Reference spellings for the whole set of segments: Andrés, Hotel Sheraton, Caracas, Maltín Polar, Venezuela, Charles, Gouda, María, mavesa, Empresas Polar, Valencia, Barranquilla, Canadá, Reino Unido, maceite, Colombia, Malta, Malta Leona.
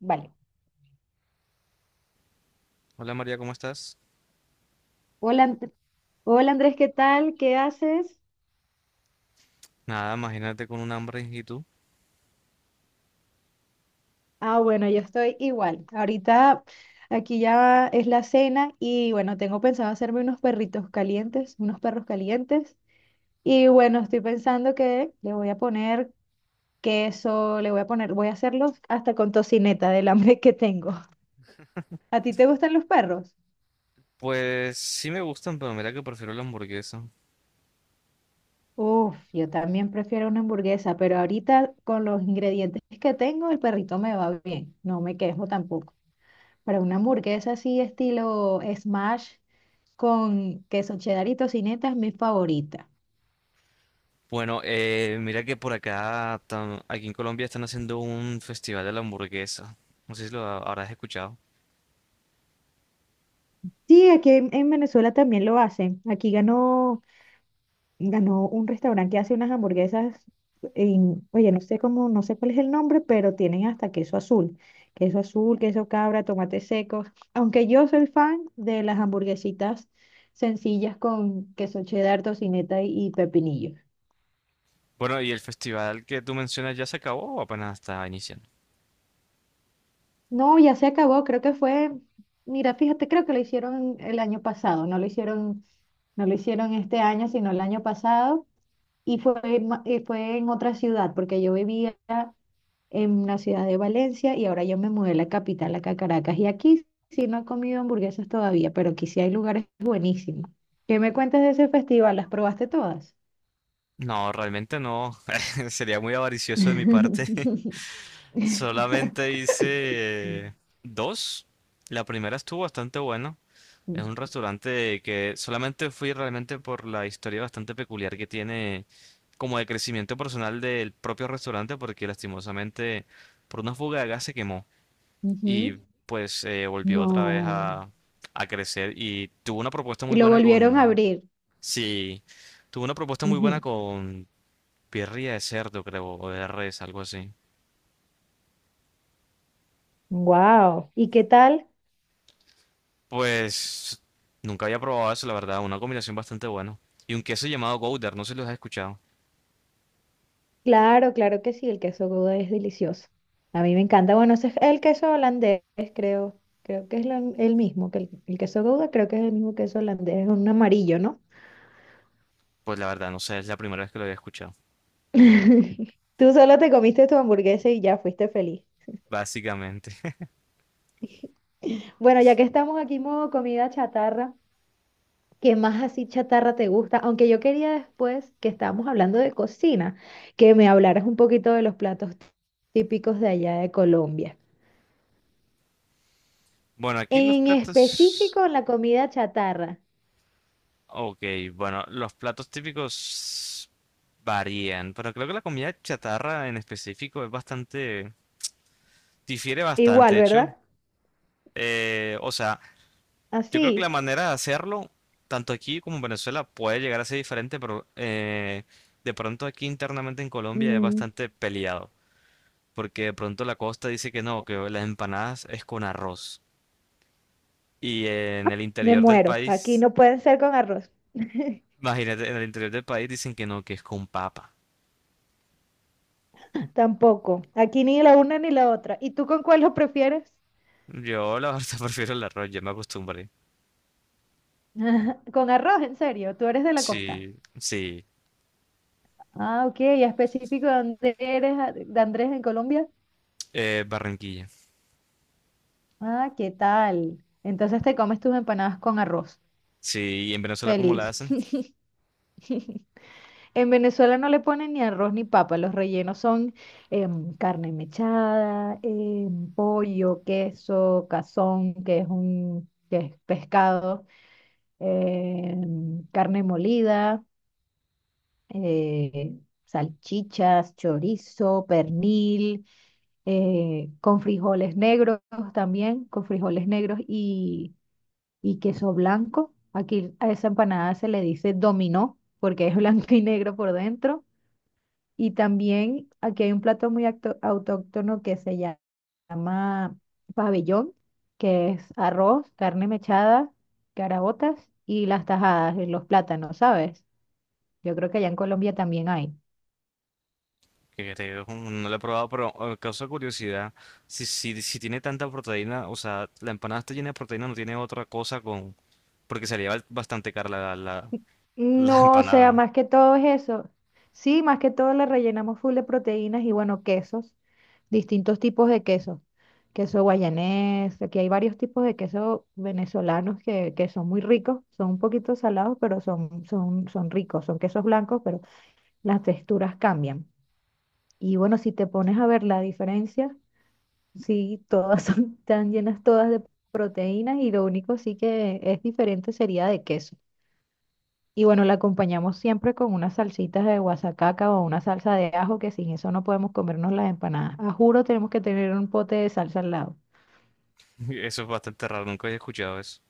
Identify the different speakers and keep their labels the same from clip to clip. Speaker 1: Vale.
Speaker 2: Hola María, ¿cómo estás?
Speaker 1: Hola, hola Andrés, ¿qué tal? ¿Qué haces?
Speaker 2: Nada, imagínate con un hambre y tú.
Speaker 1: Ah, bueno, yo estoy igual. Ahorita aquí ya es la cena y bueno, tengo pensado hacerme unos perritos calientes, unos perros calientes. Y bueno, estoy pensando que le voy a poner queso, le voy a poner, voy a hacerlos hasta con tocineta del hambre que tengo. ¿A ti te gustan los perros?
Speaker 2: Pues sí me gustan, pero mira que prefiero la hamburguesa.
Speaker 1: Uf, yo también prefiero una hamburguesa, pero ahorita con los ingredientes que tengo, el perrito me va bien. No me quejo tampoco. Para una hamburguesa así estilo smash con queso cheddar y tocineta es mi favorita.
Speaker 2: Bueno, mira que por acá, aquí en Colombia están haciendo un festival de la hamburguesa. No sé si habrás escuchado.
Speaker 1: Sí, aquí en Venezuela también lo hacen. Aquí ganó un restaurante que hace unas hamburguesas oye, no sé cuál es el nombre, pero tienen hasta queso azul. Queso azul, queso cabra, tomates secos. Aunque yo soy fan de las hamburguesitas sencillas con queso cheddar, tocineta y pepinillo.
Speaker 2: Bueno, ¿y el festival que tú mencionas ya se acabó o apenas está iniciando?
Speaker 1: No, ya se acabó, mira, fíjate, creo que lo hicieron el año pasado, no lo hicieron este año, sino el año pasado, y fue en otra ciudad, porque yo vivía en la ciudad de Valencia y ahora yo me mudé a la capital, acá a Caracas, y aquí sí no he comido hamburguesas todavía, pero aquí sí hay lugares buenísimos. ¿Qué me cuentas de ese festival? ¿Las probaste todas?
Speaker 2: No, realmente no. Sería muy avaricioso de mi parte. Solamente hice dos. La primera estuvo bastante buena. Es un restaurante que solamente fui realmente por la historia bastante peculiar que tiene como de crecimiento personal del propio restaurante porque lastimosamente por una fuga de gas se quemó y
Speaker 1: Ujú.
Speaker 2: pues volvió otra vez
Speaker 1: No.
Speaker 2: a crecer y tuvo una propuesta
Speaker 1: Y
Speaker 2: muy
Speaker 1: lo
Speaker 2: buena
Speaker 1: volvieron a
Speaker 2: con...
Speaker 1: abrir.
Speaker 2: Sí, tuvo una propuesta muy buena
Speaker 1: Ujú.
Speaker 2: con birria de cerdo, creo, o de res, algo así.
Speaker 1: Wow. ¿Y qué tal?
Speaker 2: Pues nunca había probado eso, la verdad. Una combinación bastante buena. Y un queso llamado Gouda, no sé si los has escuchado.
Speaker 1: Claro, claro que sí, el queso Gouda es delicioso. A mí me encanta. Bueno, ese es el queso holandés, creo. Creo que es el mismo que el queso Gouda, creo que es el mismo queso holandés, es un amarillo, ¿no?
Speaker 2: Pues la verdad, no sé, es la primera vez que lo había escuchado,
Speaker 1: Tú solo te comiste tu hamburguesa y ya fuiste feliz.
Speaker 2: básicamente.
Speaker 1: Bueno, ya que estamos aquí en modo comida chatarra, ¿qué más así chatarra te gusta? Aunque yo quería después que estábamos hablando de cocina, que me hablaras un poquito de los platos típicos de allá de Colombia.
Speaker 2: Bueno, aquí los
Speaker 1: En
Speaker 2: platos...
Speaker 1: específico, la comida chatarra.
Speaker 2: Ok, bueno, los platos típicos varían, pero creo que la comida chatarra en específico es bastante... difiere bastante,
Speaker 1: Igual,
Speaker 2: de hecho.
Speaker 1: ¿verdad?
Speaker 2: O sea, yo creo que la
Speaker 1: Así.
Speaker 2: manera de hacerlo, tanto aquí como en Venezuela, puede llegar a ser diferente, pero de pronto aquí internamente en Colombia es
Speaker 1: Mm,
Speaker 2: bastante peleado, porque de pronto la costa dice que no, que las empanadas es con arroz. Y en el
Speaker 1: me
Speaker 2: interior del
Speaker 1: muero. Aquí
Speaker 2: país,
Speaker 1: no pueden ser con arroz.
Speaker 2: imagínate, en el interior del país dicen que no, que es con papa.
Speaker 1: Tampoco. Aquí ni la una ni la otra. ¿Y tú con cuál lo prefieres?
Speaker 2: Yo la verdad prefiero el arroz, ya me acostumbré.
Speaker 1: Ajá, con arroz, en serio, tú eres de la costa.
Speaker 2: Sí, sí,
Speaker 1: Ah, ok, ¿y específico de dónde eres, de Andrés, en Colombia?
Speaker 2: Barranquilla.
Speaker 1: Ah, ¿qué tal? Entonces te comes tus empanadas con arroz.
Speaker 2: Sí, y en Venezuela cómo la
Speaker 1: Feliz.
Speaker 2: hacen,
Speaker 1: En Venezuela no le ponen ni arroz ni papa, los rellenos son carne mechada, pollo, queso, cazón, que es pescado, carne molida, eh, salchichas, chorizo, pernil, con frijoles negros también, con frijoles negros y queso blanco. Aquí a esa empanada se le dice dominó porque es blanco y negro por dentro. Y también aquí hay un plato muy autóctono que se llama pabellón, que es arroz, carne mechada, caraotas y las tajadas, y los plátanos, ¿sabes? Yo creo que allá en Colombia también hay.
Speaker 2: que te digo, no la he probado, pero causa curiosidad. Si tiene tanta proteína, o sea, la empanada está llena de proteína, no tiene otra cosa con... Porque salía bastante cara la
Speaker 1: No, o sea,
Speaker 2: empanada.
Speaker 1: más que todo es eso. Sí, más que todo le rellenamos full de proteínas y bueno, quesos, distintos tipos de quesos. Queso guayanés, aquí hay varios tipos de queso venezolanos que son muy ricos, son un poquito salados, pero son ricos, son quesos blancos, pero las texturas cambian. Y bueno, si te pones a ver la diferencia, sí, todas son, están llenas todas de proteínas y lo único sí que es diferente sería de queso. Y bueno, la acompañamos siempre con unas salsitas de guasacaca o una salsa de ajo, que sin eso no podemos comernos las empanadas. A juro, tenemos que tener un pote de salsa al lado.
Speaker 2: Eso es bastante raro, nunca había escuchado eso.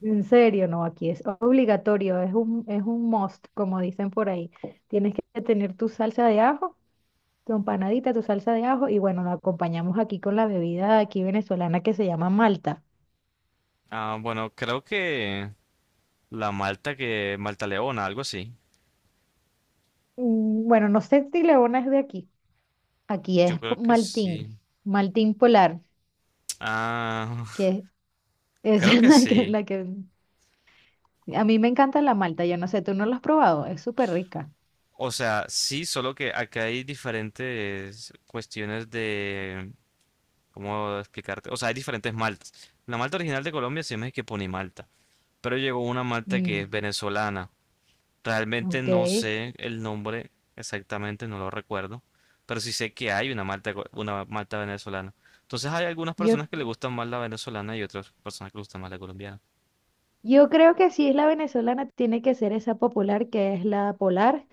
Speaker 1: En serio, no, aquí es obligatorio, es un must, como dicen por ahí. Tienes que tener tu salsa de ajo, tu empanadita, tu salsa de ajo, y bueno, la acompañamos aquí con la bebida aquí venezolana que se llama Malta.
Speaker 2: Ah, bueno, creo que la Malta que... Malta Leona, algo así.
Speaker 1: Mm, bueno, no sé si Leona es de aquí. Aquí
Speaker 2: Yo
Speaker 1: es po-
Speaker 2: creo que sí.
Speaker 1: Maltín, Maltín Polar,
Speaker 2: Ah,
Speaker 1: que es
Speaker 2: creo que sí.
Speaker 1: la que A mí me encanta la malta, yo no sé, tú no la has probado, es súper rica.
Speaker 2: O sea, sí, solo que acá hay diferentes cuestiones de... ¿Cómo explicarte? O sea, hay diferentes maltas. La malta original de Colombia se llama es que pone Malta. Pero llegó una malta que
Speaker 1: Mm,
Speaker 2: es venezolana. Realmente
Speaker 1: ok,
Speaker 2: no sé el nombre exactamente, no lo recuerdo. Pero sí sé que hay una malta, una malta venezolana. Entonces hay algunas
Speaker 1: yo,
Speaker 2: personas que le gustan más la venezolana y otras personas que le gustan más la colombiana.
Speaker 1: yo creo que si es la venezolana, tiene que ser esa popular, que es la Polar,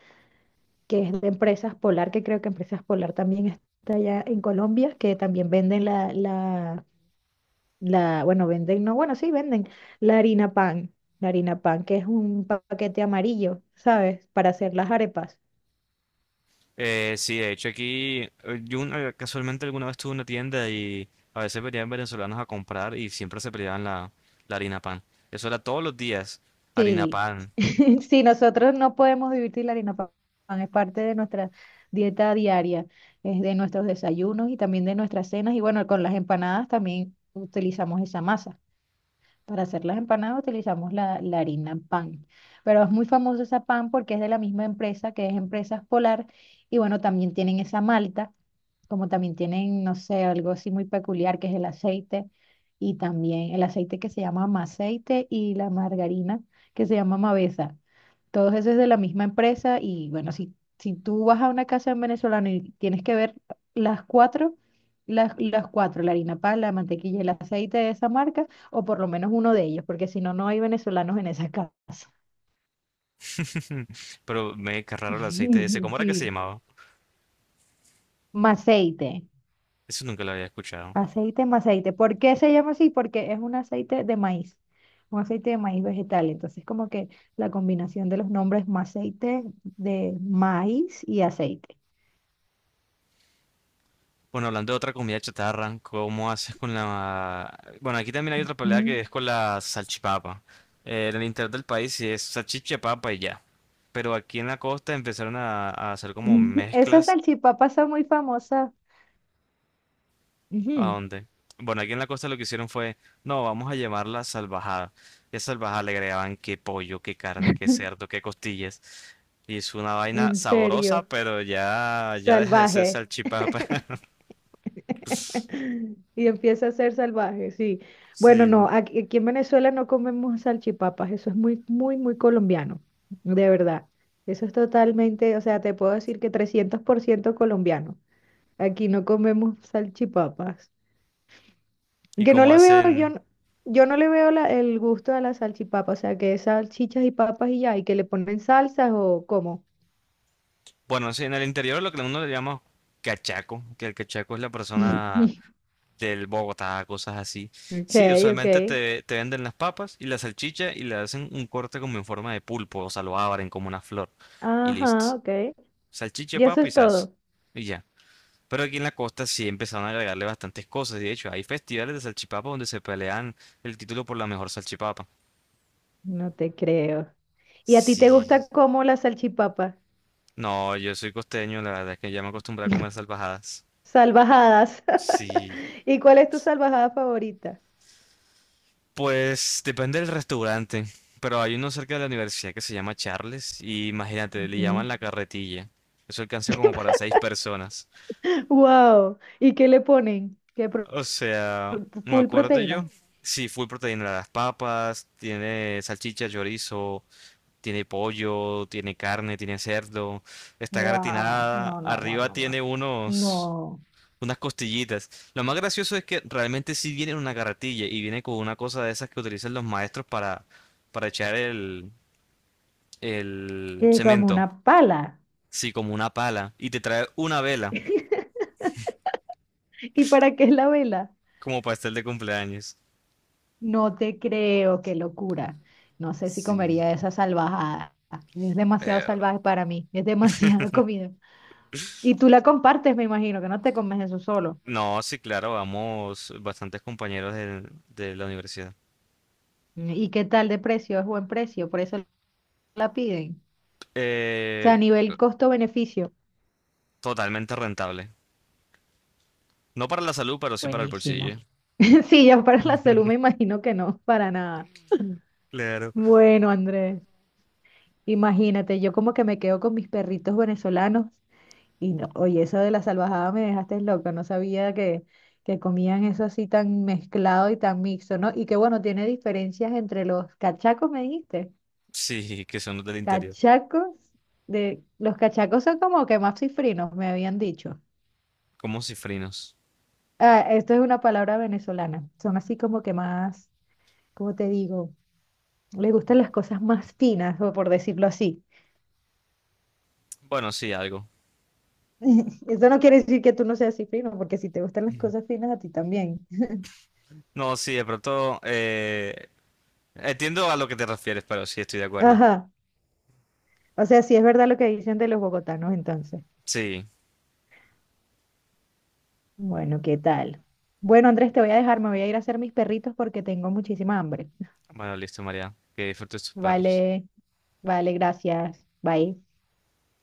Speaker 1: que es de Empresas Polar, que creo que Empresas Polar también está allá en Colombia, que también venden bueno, venden, no, bueno, sí, venden la harina pan, la harina pan, que es un paquete amarillo, ¿sabes? Para hacer las arepas.
Speaker 2: Sí, de hecho aquí yo casualmente alguna vez tuve una tienda y a veces venían venezolanos a comprar y siempre se peleaban la harina pan. Eso era todos los días, harina
Speaker 1: Sí.
Speaker 2: pan.
Speaker 1: Sí, nosotros no podemos divertir la harina pan, es parte de nuestra dieta diaria, es de nuestros desayunos y también de nuestras cenas. Y bueno, con las empanadas también utilizamos esa masa. Para hacer las empanadas utilizamos la harina pan. Pero es muy famosa esa pan porque es de la misma empresa que es Empresas Polar. Y bueno, también tienen esa malta, como también tienen, no sé, algo así muy peculiar que es el aceite. Y también el aceite que se llama maceite y la margarina que se llama mavesa. Todos esos de la misma empresa y bueno, si tú vas a una casa en venezolano y tienes que ver las cuatro, las cuatro, la harina pan, la mantequilla y el aceite de esa marca, o por lo menos uno de ellos, porque si no, no hay venezolanos en esa casa.
Speaker 2: Pero me cargaron el aceite ese. ¿Cómo era que se
Speaker 1: Sí,
Speaker 2: llamaba?
Speaker 1: maceite,
Speaker 2: Eso nunca lo había escuchado.
Speaker 1: aceite, maceite. ¿Por qué se llama así? Porque es un aceite de maíz, un aceite de maíz vegetal. Entonces, como que la combinación de los nombres maceite de maíz y aceite.
Speaker 2: Bueno, hablando de otra comida chatarra, ¿cómo haces con la... Bueno, aquí también hay otra pelea que
Speaker 1: Mm.
Speaker 2: es con la salchipapa. En el interior del país sí es salchicha, papa y ya. Pero aquí en la costa empezaron a hacer como
Speaker 1: Esas
Speaker 2: mezclas.
Speaker 1: salchipapas son muy famosas.
Speaker 2: ¿A
Speaker 1: Ujú.
Speaker 2: dónde? Bueno, aquí en la costa lo que hicieron fue, no, vamos a llamarla salvajada. Y a salvajada le agregaban qué pollo, qué carne, qué cerdo, qué costillas. Y es una vaina
Speaker 1: En
Speaker 2: sabrosa,
Speaker 1: serio,
Speaker 2: pero ya deja de ser
Speaker 1: salvaje.
Speaker 2: salchipapa.
Speaker 1: Y empieza a ser salvaje, sí. Bueno, no,
Speaker 2: Sí.
Speaker 1: aquí, aquí en Venezuela no comemos salchipapas, eso es muy, muy, muy colombiano, de verdad. Eso es totalmente, o sea, te puedo decir que 300% colombiano. Aquí no comemos salchipapas.
Speaker 2: Y
Speaker 1: Que no
Speaker 2: como
Speaker 1: le veo, yo,
Speaker 2: hacen,
Speaker 1: yo no le veo el gusto a la salchipapa, o sea, que es salchichas y papas y ya, y que le ponen salsas o cómo.
Speaker 2: bueno, sí, en el interior lo que uno le llama cachaco, que el cachaco es la persona del Bogotá, cosas así.
Speaker 1: Ok,
Speaker 2: Sí,
Speaker 1: ok.
Speaker 2: usualmente te venden las papas y la salchicha y le hacen un corte como en forma de pulpo, o sea, lo abren como una flor. Y listo.
Speaker 1: Ajá, ok.
Speaker 2: Salchicha,
Speaker 1: Y eso
Speaker 2: papa y
Speaker 1: es
Speaker 2: salsa.
Speaker 1: todo.
Speaker 2: Y ya. Pero aquí en la costa sí empezaron a agregarle bastantes cosas. Y de hecho, hay festivales de salchipapa donde se pelean el título por la mejor salchipapa.
Speaker 1: No te creo. ¿Y a ti te
Speaker 2: Sí.
Speaker 1: gusta como la salchipapa?
Speaker 2: No, yo soy costeño, la verdad es que ya me acostumbré a comer salvajadas.
Speaker 1: Salvajadas.
Speaker 2: Sí.
Speaker 1: ¿Y cuál es tu salvajada favorita?
Speaker 2: Pues depende del restaurante. Pero hay uno cerca de la universidad que se llama Charles. Y imagínate, le
Speaker 1: Ujú.
Speaker 2: llaman la carretilla. Eso alcanza como para seis personas.
Speaker 1: Wow. ¿Y qué le ponen? ¿Qué pro-
Speaker 2: O sea, me
Speaker 1: full
Speaker 2: acuerdo
Speaker 1: proteína?
Speaker 2: yo. Sí, full proteína. De las papas, tiene salchicha, chorizo, tiene pollo, tiene carne, tiene cerdo, está
Speaker 1: Wow.
Speaker 2: gratinada,
Speaker 1: No, no, no,
Speaker 2: arriba
Speaker 1: no, no.
Speaker 2: tiene unos
Speaker 1: No.
Speaker 2: unas costillitas. Lo más gracioso es que realmente sí viene en una carretilla y viene con una cosa de esas que utilizan los maestros para echar el
Speaker 1: Que como
Speaker 2: cemento,
Speaker 1: una pala.
Speaker 2: sí, como una pala, y te trae una vela
Speaker 1: ¿Y para qué es la vela?
Speaker 2: como pastel de cumpleaños.
Speaker 1: No te creo, qué locura. No sé si
Speaker 2: Sí.
Speaker 1: comería esa salvajada. Es demasiado salvaje para mí, es demasiada comida. Y tú la compartes, me imagino, que no te comes eso solo.
Speaker 2: No, sí, claro, vamos bastantes compañeros de la universidad.
Speaker 1: ¿Y qué tal de precio? Es buen precio, por eso la piden. O sea,
Speaker 2: Eh,
Speaker 1: a nivel costo-beneficio,
Speaker 2: Totalmente rentable. No para la salud, pero sí para el bolsillo.
Speaker 1: buenísimo. Sí, ya para la salud me imagino que no, para nada.
Speaker 2: Claro.
Speaker 1: Bueno, Andrés, imagínate, yo como que me quedo con mis perritos venezolanos. No, oye, eso de la salvajada me dejaste loca, no sabía que comían eso así tan mezclado y tan mixto, ¿no? Y que bueno, tiene diferencias entre los cachacos, me dijiste.
Speaker 2: Sí, que son los del interior.
Speaker 1: Cachacos De los cachacos son como que más cifrinos, me habían dicho.
Speaker 2: Como cifrinos.
Speaker 1: Ah, esto es una palabra venezolana. Son así como que más, ¿cómo te digo? Les gustan las cosas más finas, o por decirlo así.
Speaker 2: Bueno, sí, algo.
Speaker 1: Eso no quiere decir que tú no seas cifrino, porque si te gustan las cosas finas, a ti también.
Speaker 2: No, sí, de pronto entiendo a lo que te refieres, pero sí estoy de acuerdo.
Speaker 1: Ajá. O sea, sí es verdad lo que dicen de los bogotanos entonces.
Speaker 2: Sí.
Speaker 1: Bueno, ¿qué tal? Bueno, Andrés, te voy a dejar, me voy a ir a hacer mis perritos porque tengo muchísima hambre.
Speaker 2: Bueno, listo, María. Que disfrutes tus perros.
Speaker 1: Vale, vale, gracias. Bye.